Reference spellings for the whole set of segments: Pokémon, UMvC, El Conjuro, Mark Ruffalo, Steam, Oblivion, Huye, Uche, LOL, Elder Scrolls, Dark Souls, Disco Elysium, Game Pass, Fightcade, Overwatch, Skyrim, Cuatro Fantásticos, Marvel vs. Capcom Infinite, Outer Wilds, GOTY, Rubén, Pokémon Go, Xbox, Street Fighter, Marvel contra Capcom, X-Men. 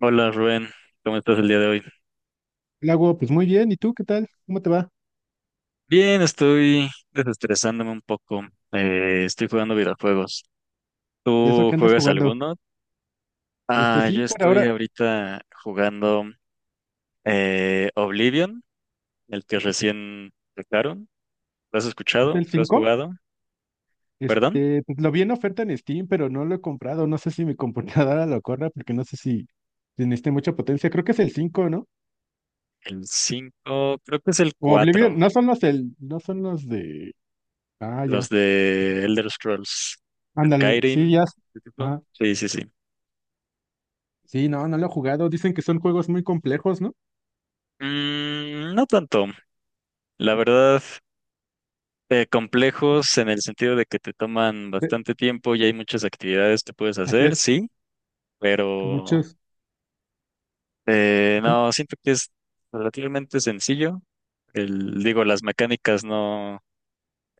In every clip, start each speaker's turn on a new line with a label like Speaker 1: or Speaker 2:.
Speaker 1: Hola Rubén, ¿cómo estás el día de hoy?
Speaker 2: Lago, pues muy bien. ¿Y tú qué tal? ¿Cómo te va?
Speaker 1: Bien, estoy desestresándome un poco. Estoy jugando videojuegos.
Speaker 2: ¿Y eso
Speaker 1: ¿Tú
Speaker 2: que andas
Speaker 1: juegas
Speaker 2: jugando?
Speaker 1: alguno?
Speaker 2: Este
Speaker 1: Ah, yo
Speaker 2: sí, por
Speaker 1: estoy
Speaker 2: ahora
Speaker 1: ahorita jugando Oblivion, el que recién sacaron. ¿Lo has
Speaker 2: es
Speaker 1: escuchado?
Speaker 2: el
Speaker 1: ¿Lo has
Speaker 2: cinco.
Speaker 1: jugado? ¿Perdón?
Speaker 2: Este, pues, lo vi en oferta en Steam, pero no lo he comprado. No sé si mi computadora lo corra porque no sé si necesite mucha potencia. Creo que es el cinco, ¿no?
Speaker 1: El 5, creo que es el
Speaker 2: O Oblivion,
Speaker 1: 4.
Speaker 2: no son los de. Ah,
Speaker 1: Los
Speaker 2: ya.
Speaker 1: de Elder Scrolls.
Speaker 2: Ándale, sí,
Speaker 1: Skyrim,
Speaker 2: ya.
Speaker 1: ¿ese tipo?
Speaker 2: Ah,
Speaker 1: Sí, sí, sí.
Speaker 2: sí, no, no lo he jugado. Dicen que son juegos muy complejos, ¿no?
Speaker 1: Mm, no tanto. La verdad, complejos en el sentido de que te toman
Speaker 2: Eh,
Speaker 1: bastante tiempo y hay muchas actividades que puedes
Speaker 2: Así
Speaker 1: hacer,
Speaker 2: es,
Speaker 1: sí,
Speaker 2: que
Speaker 1: pero
Speaker 2: muchos.
Speaker 1: no, siento que es relativamente sencillo. El, digo, las mecánicas no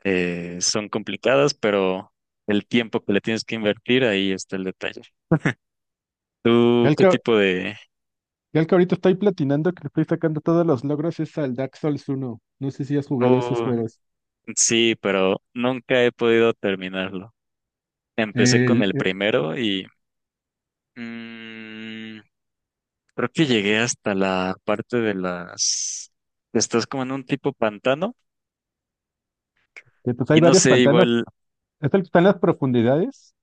Speaker 1: son complicadas, pero el tiempo que le tienes que invertir, ahí está el detalle.
Speaker 2: Ya
Speaker 1: ¿Tú
Speaker 2: el
Speaker 1: qué
Speaker 2: que,
Speaker 1: tipo de...?
Speaker 2: Ya el que ahorita estoy platinando, que le estoy sacando todos los logros, es al Dark Souls 1. No sé si has jugado esos
Speaker 1: Uh,
Speaker 2: juegos.
Speaker 1: sí, pero nunca he podido terminarlo. Empecé con
Speaker 2: El,
Speaker 1: el
Speaker 2: eh,
Speaker 1: primero y... mm, creo que llegué hasta la parte de las... Estás como en un tipo pantano
Speaker 2: que, pues
Speaker 1: y
Speaker 2: hay
Speaker 1: no
Speaker 2: varios
Speaker 1: sé,
Speaker 2: pantanos.
Speaker 1: igual,
Speaker 2: ¿Es el que está en las profundidades?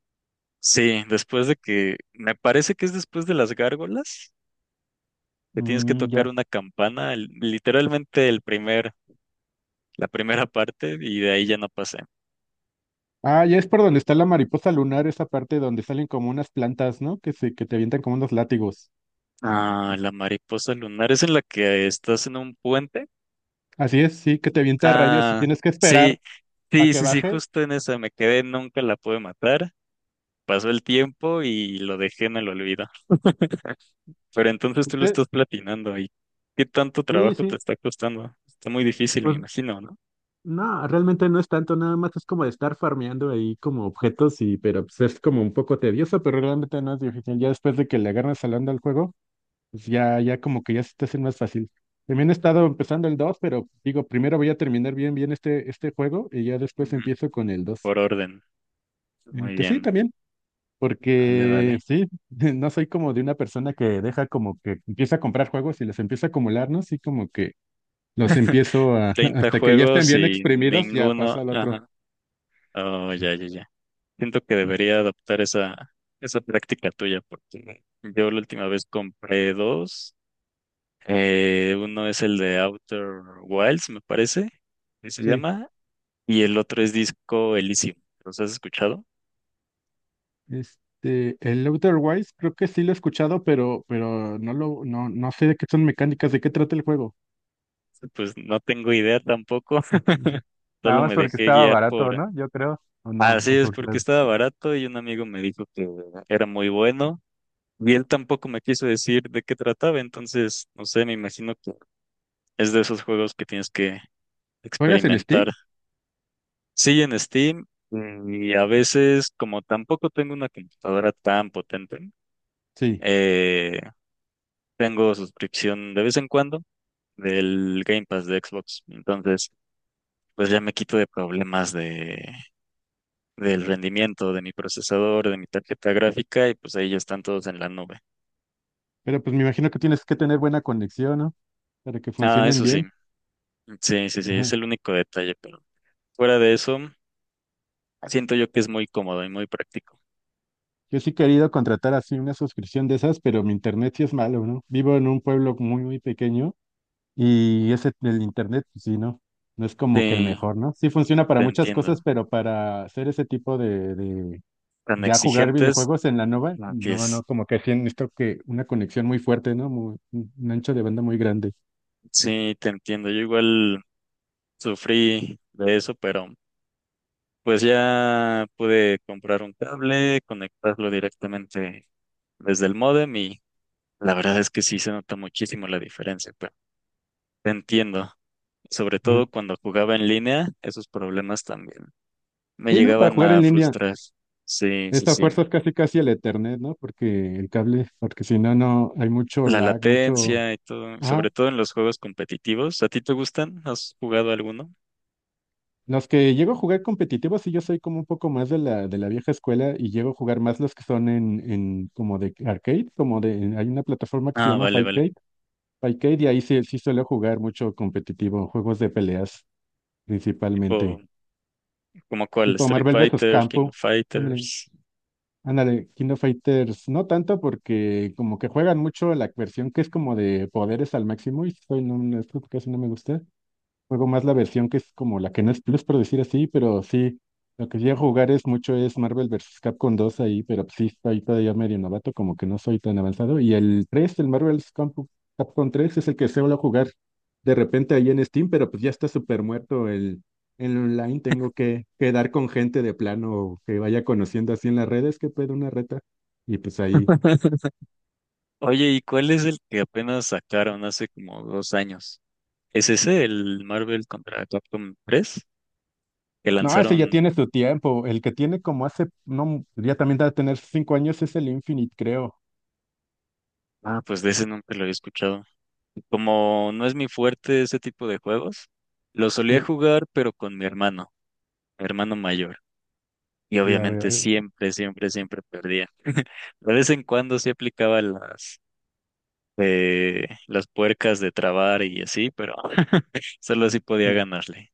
Speaker 1: sí, después de que... Me parece que es después de las gárgolas, que tienes que
Speaker 2: Mm,
Speaker 1: tocar
Speaker 2: ya.
Speaker 1: una campana, literalmente la primera parte y de ahí ya no pasé.
Speaker 2: Ah, ya es por donde está la mariposa lunar, esa parte donde salen como unas plantas, ¿no? Que te avientan como unos látigos.
Speaker 1: Ah, la mariposa lunar es en la que estás en un puente.
Speaker 2: Así es, sí, que te avienta rayos y
Speaker 1: Ah,
Speaker 2: tienes que
Speaker 1: sí,
Speaker 2: esperar a
Speaker 1: sí,
Speaker 2: que
Speaker 1: sí, sí,
Speaker 2: baje.
Speaker 1: justo en esa me quedé, nunca la pude matar. Pasó el tiempo y lo dejé en el olvido. Pero entonces tú lo
Speaker 2: Eh,
Speaker 1: estás platinando y ¿qué tanto
Speaker 2: Sí,
Speaker 1: trabajo te
Speaker 2: sí.
Speaker 1: está costando? Está muy difícil, me
Speaker 2: Pues
Speaker 1: imagino, ¿no?
Speaker 2: no, realmente no es tanto, nada más es como de estar farmeando ahí como objetos y, pero pues es como un poco tedioso, pero realmente no es difícil. Ya después de que le agarras al onda al juego, pues ya, ya como que ya se te hace más fácil. También he estado empezando el 2, pero digo, primero voy a terminar bien, bien este juego y ya después
Speaker 1: Ujú.
Speaker 2: empiezo con el 2.
Speaker 1: Por orden. Muy
Speaker 2: Este, sí,
Speaker 1: bien.
Speaker 2: también,
Speaker 1: Vale,
Speaker 2: porque
Speaker 1: vale.
Speaker 2: sí, no soy como de una persona que deja como que empieza a comprar juegos y los empieza a acumular, ¿no? Sí, como que los empiezo a,
Speaker 1: 30
Speaker 2: hasta que ya estén
Speaker 1: juegos
Speaker 2: bien
Speaker 1: y
Speaker 2: exprimidos, ya
Speaker 1: ninguno.
Speaker 2: paso al otro.
Speaker 1: Ajá. Oh, ya, ya, ya. Siento que debería adoptar esa, esa práctica tuya porque yo la última vez compré dos. Uno es el de Outer Wilds, me parece, que se
Speaker 2: Sí,
Speaker 1: llama, y el otro es Disco Elysium. ¿Los has escuchado?
Speaker 2: este, el Outer Wilds creo que sí lo he escuchado, pero no, no sé de qué son mecánicas, de qué trata el juego.
Speaker 1: Pues no tengo idea tampoco.
Speaker 2: Nada
Speaker 1: Solo
Speaker 2: más
Speaker 1: me
Speaker 2: porque
Speaker 1: dejé
Speaker 2: estaba
Speaker 1: guiar
Speaker 2: barato,
Speaker 1: por...
Speaker 2: ¿no? Yo creo, o no,
Speaker 1: Así
Speaker 2: o
Speaker 1: es,
Speaker 2: por
Speaker 1: porque
Speaker 2: las.
Speaker 1: estaba barato y un amigo me dijo que era muy bueno y él tampoco me quiso decir de qué trataba, entonces, no sé, me imagino que es de esos juegos que tienes que
Speaker 2: ¿Juegas en
Speaker 1: experimentar.
Speaker 2: Steam?
Speaker 1: Sí, en Steam, y a veces, como tampoco tengo una computadora tan potente,
Speaker 2: Sí,
Speaker 1: eh, tengo suscripción de vez en cuando del Game Pass de Xbox, entonces, pues ya me quito de problemas de... del rendimiento de mi procesador, de mi tarjeta gráfica, y pues ahí ya están todos en la nube.
Speaker 2: pero pues me imagino que tienes que tener buena conexión, ¿no? Para que
Speaker 1: Ah,
Speaker 2: funcionen
Speaker 1: eso sí,
Speaker 2: bien.
Speaker 1: sí, sí, sí, es
Speaker 2: Ajá.
Speaker 1: el único detalle, pero fuera de eso, siento yo que es muy cómodo y muy práctico.
Speaker 2: Yo sí he querido contratar así una suscripción de esas, pero mi internet sí es malo, ¿no? Vivo en un pueblo muy, muy pequeño. Y ese, el internet, pues sí, ¿no? No es como que el
Speaker 1: Sí,
Speaker 2: mejor, ¿no? Sí funciona para
Speaker 1: te
Speaker 2: muchas
Speaker 1: entiendo.
Speaker 2: cosas, pero para hacer ese tipo de
Speaker 1: Tan
Speaker 2: ya jugar
Speaker 1: exigentes,
Speaker 2: videojuegos en la nova,
Speaker 1: no, que es.
Speaker 2: no, no, como que sí necesito que una conexión muy fuerte, ¿no? Muy, un ancho de banda muy grande.
Speaker 1: Sí, te entiendo. Yo igual sufrí de eso, pero pues ya pude comprar un cable, conectarlo directamente desde el módem y la verdad es que sí se nota muchísimo la diferencia, pero te entiendo. Sobre
Speaker 2: Ujú.
Speaker 1: todo cuando jugaba en línea, esos problemas también me
Speaker 2: Sí, ¿no? Para
Speaker 1: llegaban
Speaker 2: jugar en
Speaker 1: a
Speaker 2: línea,
Speaker 1: frustrar. Sí, sí,
Speaker 2: esa
Speaker 1: sí.
Speaker 2: fuerza es casi casi el Ethernet, ¿no? Porque el cable, porque si no, no, hay mucho
Speaker 1: La
Speaker 2: lag, mucho,
Speaker 1: latencia y todo, sobre
Speaker 2: ajá.
Speaker 1: todo en los juegos competitivos. ¿A ti te gustan? ¿Has jugado alguno?
Speaker 2: Los que llego a jugar competitivos, sí, yo soy como un poco más de la vieja escuela y llego a jugar más los que son en como de arcade, hay una plataforma que se
Speaker 1: Ah,
Speaker 2: llama
Speaker 1: vale, vale.
Speaker 2: Fightcade y ahí sí, sí suelo jugar mucho competitivo, juegos de peleas principalmente,
Speaker 1: Tipo, ¿como cuál?
Speaker 2: tipo
Speaker 1: Street
Speaker 2: Marvel vs.
Speaker 1: Fighter, King of
Speaker 2: Campo, ándale,
Speaker 1: Fighters.
Speaker 2: ándale, Kingdom Fighters, no tanto porque como que juegan mucho la versión que es como de poderes al máximo y soy no, no, esto casi no me gusta. Juego más la versión que es como la que no es plus, por decir así, pero sí, lo que llego a jugar es mucho es Marvel vs. Capcom 2 ahí, pero pues, sí, estoy todavía medio novato, como que no soy tan avanzado. Y el 3, el Marvel versus Capcom 3 es el que suelo jugar de repente ahí en Steam, pero pues ya está súper muerto el online. Tengo que quedar con gente de plano que vaya conociendo así en las redes, que puede una reta. Y pues ahí.
Speaker 1: Oye, ¿y cuál es el que apenas sacaron hace como dos años? ¿Es ese, el Marvel contra Capcom 3 que
Speaker 2: No, ese ya
Speaker 1: lanzaron?
Speaker 2: tiene su tiempo. El que tiene como hace, no, ya también debe tener 5 años es el Infinite, creo.
Speaker 1: Ah, pues de ese nunca lo había escuchado. Como no es mi fuerte ese tipo de juegos, lo solía
Speaker 2: Sí,
Speaker 1: jugar, pero con mi hermano mayor. Y
Speaker 2: ya veo,
Speaker 1: obviamente siempre, siempre, siempre perdía. De vez en cuando sí aplicaba las puercas de trabar y así, pero solo así podía
Speaker 2: sí.
Speaker 1: ganarle.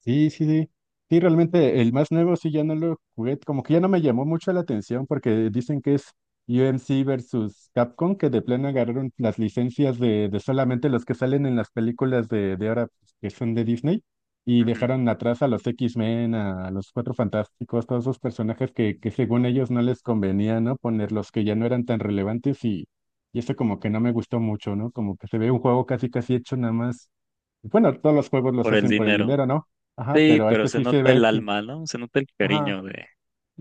Speaker 2: Sí, sí, sí. Sí, realmente el más nuevo sí ya no lo jugué, como que ya no me llamó mucho la atención porque dicen que es U M C versus Capcom, que de plano agarraron las licencias de solamente los que salen en las películas de ahora pues, que son de Disney y
Speaker 1: Ujú.
Speaker 2: dejaron atrás a los X-Men, a, los Cuatro Fantásticos, todos esos personajes que según ellos no les convenía, ¿no? Poner los que ya no eran tan relevantes y eso como que no me gustó mucho, ¿no? Como que se ve un juego casi casi hecho nada más. Bueno, todos los juegos los
Speaker 1: Por el
Speaker 2: hacen por el
Speaker 1: dinero.
Speaker 2: dinero, ¿no? Ajá,
Speaker 1: Sí,
Speaker 2: pero
Speaker 1: pero
Speaker 2: este
Speaker 1: se
Speaker 2: sí se
Speaker 1: nota el
Speaker 2: ve, sí.
Speaker 1: alma, ¿no? Se nota el
Speaker 2: Ajá,
Speaker 1: cariño de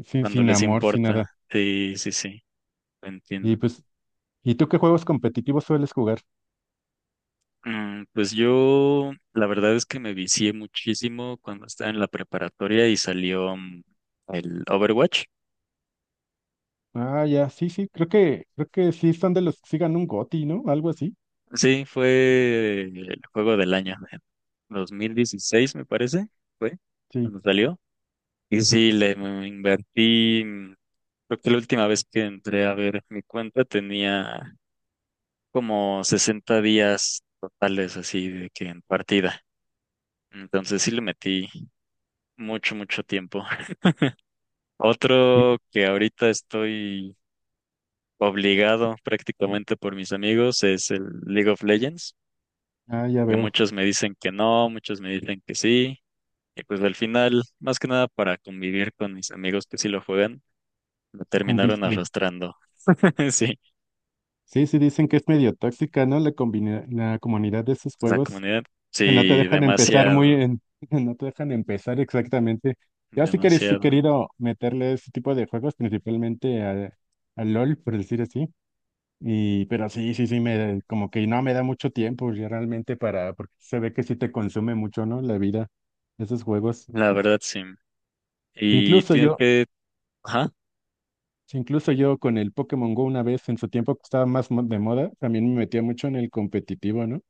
Speaker 2: sin,
Speaker 1: cuando
Speaker 2: sin
Speaker 1: les
Speaker 2: amor, sin nada.
Speaker 1: importa. Sí, sí, sí, lo
Speaker 2: Y
Speaker 1: entiendo.
Speaker 2: pues, ¿y tú qué juegos competitivos sueles jugar?
Speaker 1: Mm, pues yo, la verdad es que me vicié muchísimo cuando estaba en la preparatoria y salió, el Overwatch.
Speaker 2: Ah, ya, sí, sí, creo que sí son de los que sigan un GOTY, ¿no? Algo así.
Speaker 1: Sí, fue el juego del año, en 2016 me parece, fue
Speaker 2: Sí.
Speaker 1: cuando salió. Y sí, le me invertí, creo que la última vez que entré a ver mi cuenta tenía como 60 días totales así de que en partida. Entonces sí le metí mucho tiempo.
Speaker 2: Y-
Speaker 1: Otro que ahorita estoy obligado prácticamente por mis amigos es el League of Legends.
Speaker 2: Ah, ya
Speaker 1: Ya
Speaker 2: veo,
Speaker 1: muchos me dicen que no, muchos me dicen que sí. Y pues al final, más que nada para convivir con mis amigos que sí lo juegan, me terminaron
Speaker 2: sucumbiste.
Speaker 1: arrastrando. Sí,
Speaker 2: Sí, sí, dicen que es medio tóxica, ¿no? La comunidad de esos
Speaker 1: la
Speaker 2: juegos,
Speaker 1: comunidad.
Speaker 2: que no te
Speaker 1: Sí,
Speaker 2: dejan empezar muy
Speaker 1: demasiado,
Speaker 2: en, no te dejan empezar exactamente. Yo sí que he
Speaker 1: demasiado.
Speaker 2: querido meterle ese tipo de juegos, principalmente a LOL, por decir así. Y, pero sí, sí, sí, me, como que no me da mucho tiempo ya realmente para, porque se ve que sí te consume mucho, ¿no? La vida, esos juegos.
Speaker 1: La verdad, sí.
Speaker 2: Si
Speaker 1: Y
Speaker 2: Incluso
Speaker 1: tienes
Speaker 2: yo,
Speaker 1: que... Ajá.
Speaker 2: si incluso yo con el Pokémon Go una vez en su tiempo que estaba más de moda, también me metía mucho en el competitivo, ¿no?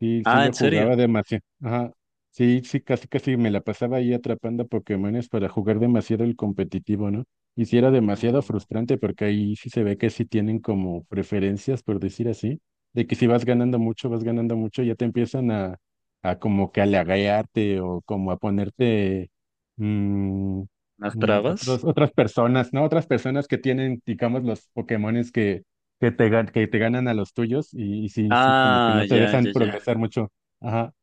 Speaker 2: Sí, sí
Speaker 1: Ah,
Speaker 2: lo
Speaker 1: ¿en serio?
Speaker 2: jugaba demasiado. Ajá. Sí, sí, casi casi me la pasaba ahí atrapando Pokémones para jugar demasiado el competitivo, ¿no? Y sí era demasiado
Speaker 1: Oh,
Speaker 2: frustrante porque ahí sí se ve que sí tienen como preferencias, por decir así, de que si vas ganando mucho, vas ganando mucho, ya te empiezan a como que halagarte o como a ponerte mm,
Speaker 1: ¿unas trabas?
Speaker 2: otras personas, ¿no? Otras personas que tienen, digamos, los Pokémones que que te ganan a los tuyos y sí, sí, como que
Speaker 1: Ah,
Speaker 2: no te
Speaker 1: ya, ya,
Speaker 2: dejan
Speaker 1: ya.
Speaker 2: progresar mucho. Ajá,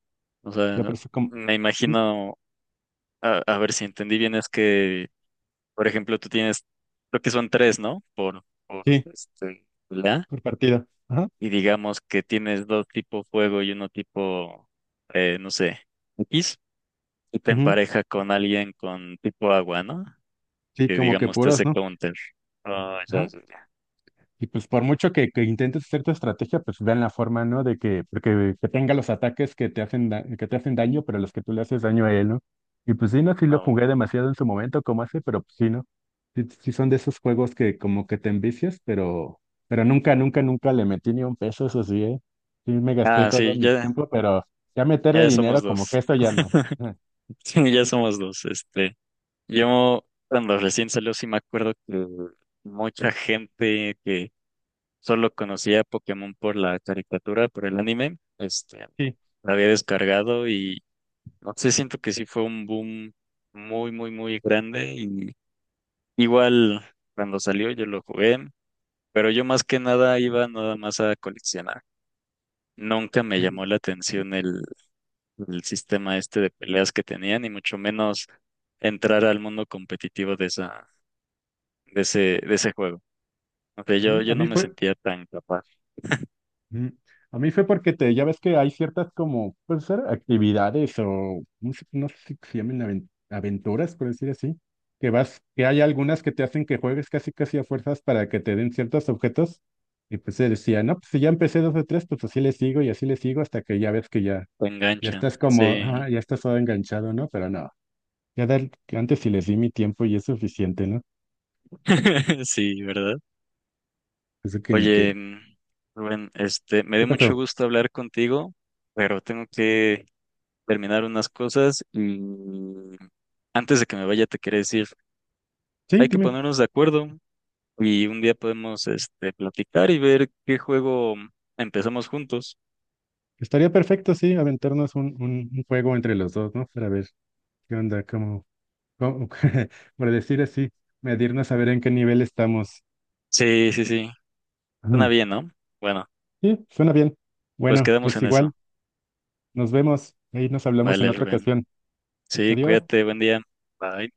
Speaker 1: O
Speaker 2: ya
Speaker 1: sea,
Speaker 2: por eso como,
Speaker 1: me imagino, a ver si entendí bien, es que por ejemplo, tú tienes, creo que son tres, ¿no? Por
Speaker 2: sí,
Speaker 1: este, la.
Speaker 2: por partida. Ajá,
Speaker 1: Y digamos que tienes dos tipo fuego y uno tipo, no sé, X. Y te
Speaker 2: ujú,
Speaker 1: empareja con alguien con tipo agua, ¿no?
Speaker 2: sí,
Speaker 1: Que
Speaker 2: como que
Speaker 1: digamos te hace
Speaker 2: puros, ¿no?
Speaker 1: counter. Oh, ya,
Speaker 2: Ajá,
Speaker 1: ya, ya.
Speaker 2: y pues por mucho que intentes hacer tu estrategia, pues vean la forma, ¿no? De que, porque que tenga los ataques que te hacen daño, pero los que tú le haces daño a él, ¿no? Y pues sí, no, sí lo
Speaker 1: No.
Speaker 2: jugué demasiado en su momento, como hace, pero pues sí, ¿no? Sí, sí son de esos juegos que como que te envicias, pero nunca, nunca, nunca le metí ni un peso, eso sí, ¿eh? Sí me gasté
Speaker 1: Ah,
Speaker 2: todo
Speaker 1: sí,
Speaker 2: mi
Speaker 1: ya,
Speaker 2: tiempo, pero ya meterle
Speaker 1: ya somos
Speaker 2: dinero como
Speaker 1: dos.
Speaker 2: que esto ya no.
Speaker 1: Sí, ya
Speaker 2: Sí,
Speaker 1: somos dos. Este, yo cuando recién salió sí me acuerdo que mucha gente que solo conocía Pokémon por la caricatura, por el anime. Este,
Speaker 2: sí.
Speaker 1: la había descargado y no sé, siento que sí fue un boom muy, muy, muy grande. Y igual cuando salió yo lo jugué, pero yo más que nada iba nada más a coleccionar. Nunca me
Speaker 2: Eh,
Speaker 1: llamó la atención el sistema este de peleas que tenían, y mucho menos entrar al mundo competitivo de de ese juego. O sea,
Speaker 2: A mí, a
Speaker 1: yo no
Speaker 2: mí
Speaker 1: me
Speaker 2: fue,
Speaker 1: sentía tan capaz,
Speaker 2: Mm. A mí fue porque te, ya ves que hay ciertas como, pues ser, actividades o no sé si se llaman aventuras, por decir así, que vas, que hay algunas que te hacen que juegues casi casi a fuerzas para que te den ciertos objetos. Y pues se decía, no, pues si ya empecé dos de tres, pues así le sigo y así le sigo hasta que ya ves que ya,
Speaker 1: tan
Speaker 2: ya
Speaker 1: enganchan,
Speaker 2: estás como,
Speaker 1: sí.
Speaker 2: ah, ya estás todo enganchado, ¿no? Pero no, antes sí les di mi tiempo y es suficiente, ¿no?
Speaker 1: Sí, ¿verdad?
Speaker 2: Eso que ni
Speaker 1: Oye,
Speaker 2: qué.
Speaker 1: Rubén, este, me dio
Speaker 2: ¿Qué
Speaker 1: mucho
Speaker 2: pasó?
Speaker 1: gusto hablar contigo, pero tengo que terminar unas cosas y antes de que me vaya te quería decir,
Speaker 2: Sí,
Speaker 1: hay que
Speaker 2: dime.
Speaker 1: ponernos de acuerdo y un día podemos, este, platicar y ver qué juego empezamos juntos.
Speaker 2: Estaría perfecto, sí, aventarnos un, un juego entre los dos, ¿no? Para ver qué onda, cómo, por decir así, medirnos a ver en qué nivel estamos.
Speaker 1: Sí, sí, sí, suena
Speaker 2: Ujú.
Speaker 1: bien, ¿no? Bueno,
Speaker 2: Sí, suena bien.
Speaker 1: pues
Speaker 2: Bueno,
Speaker 1: quedamos
Speaker 2: pues
Speaker 1: en
Speaker 2: igual,
Speaker 1: eso.
Speaker 2: nos vemos. Ahí nos hablamos en
Speaker 1: Vale,
Speaker 2: otra
Speaker 1: Rubén.
Speaker 2: ocasión.
Speaker 1: Sí,
Speaker 2: Adiós.
Speaker 1: cuídate, buen día. Bye.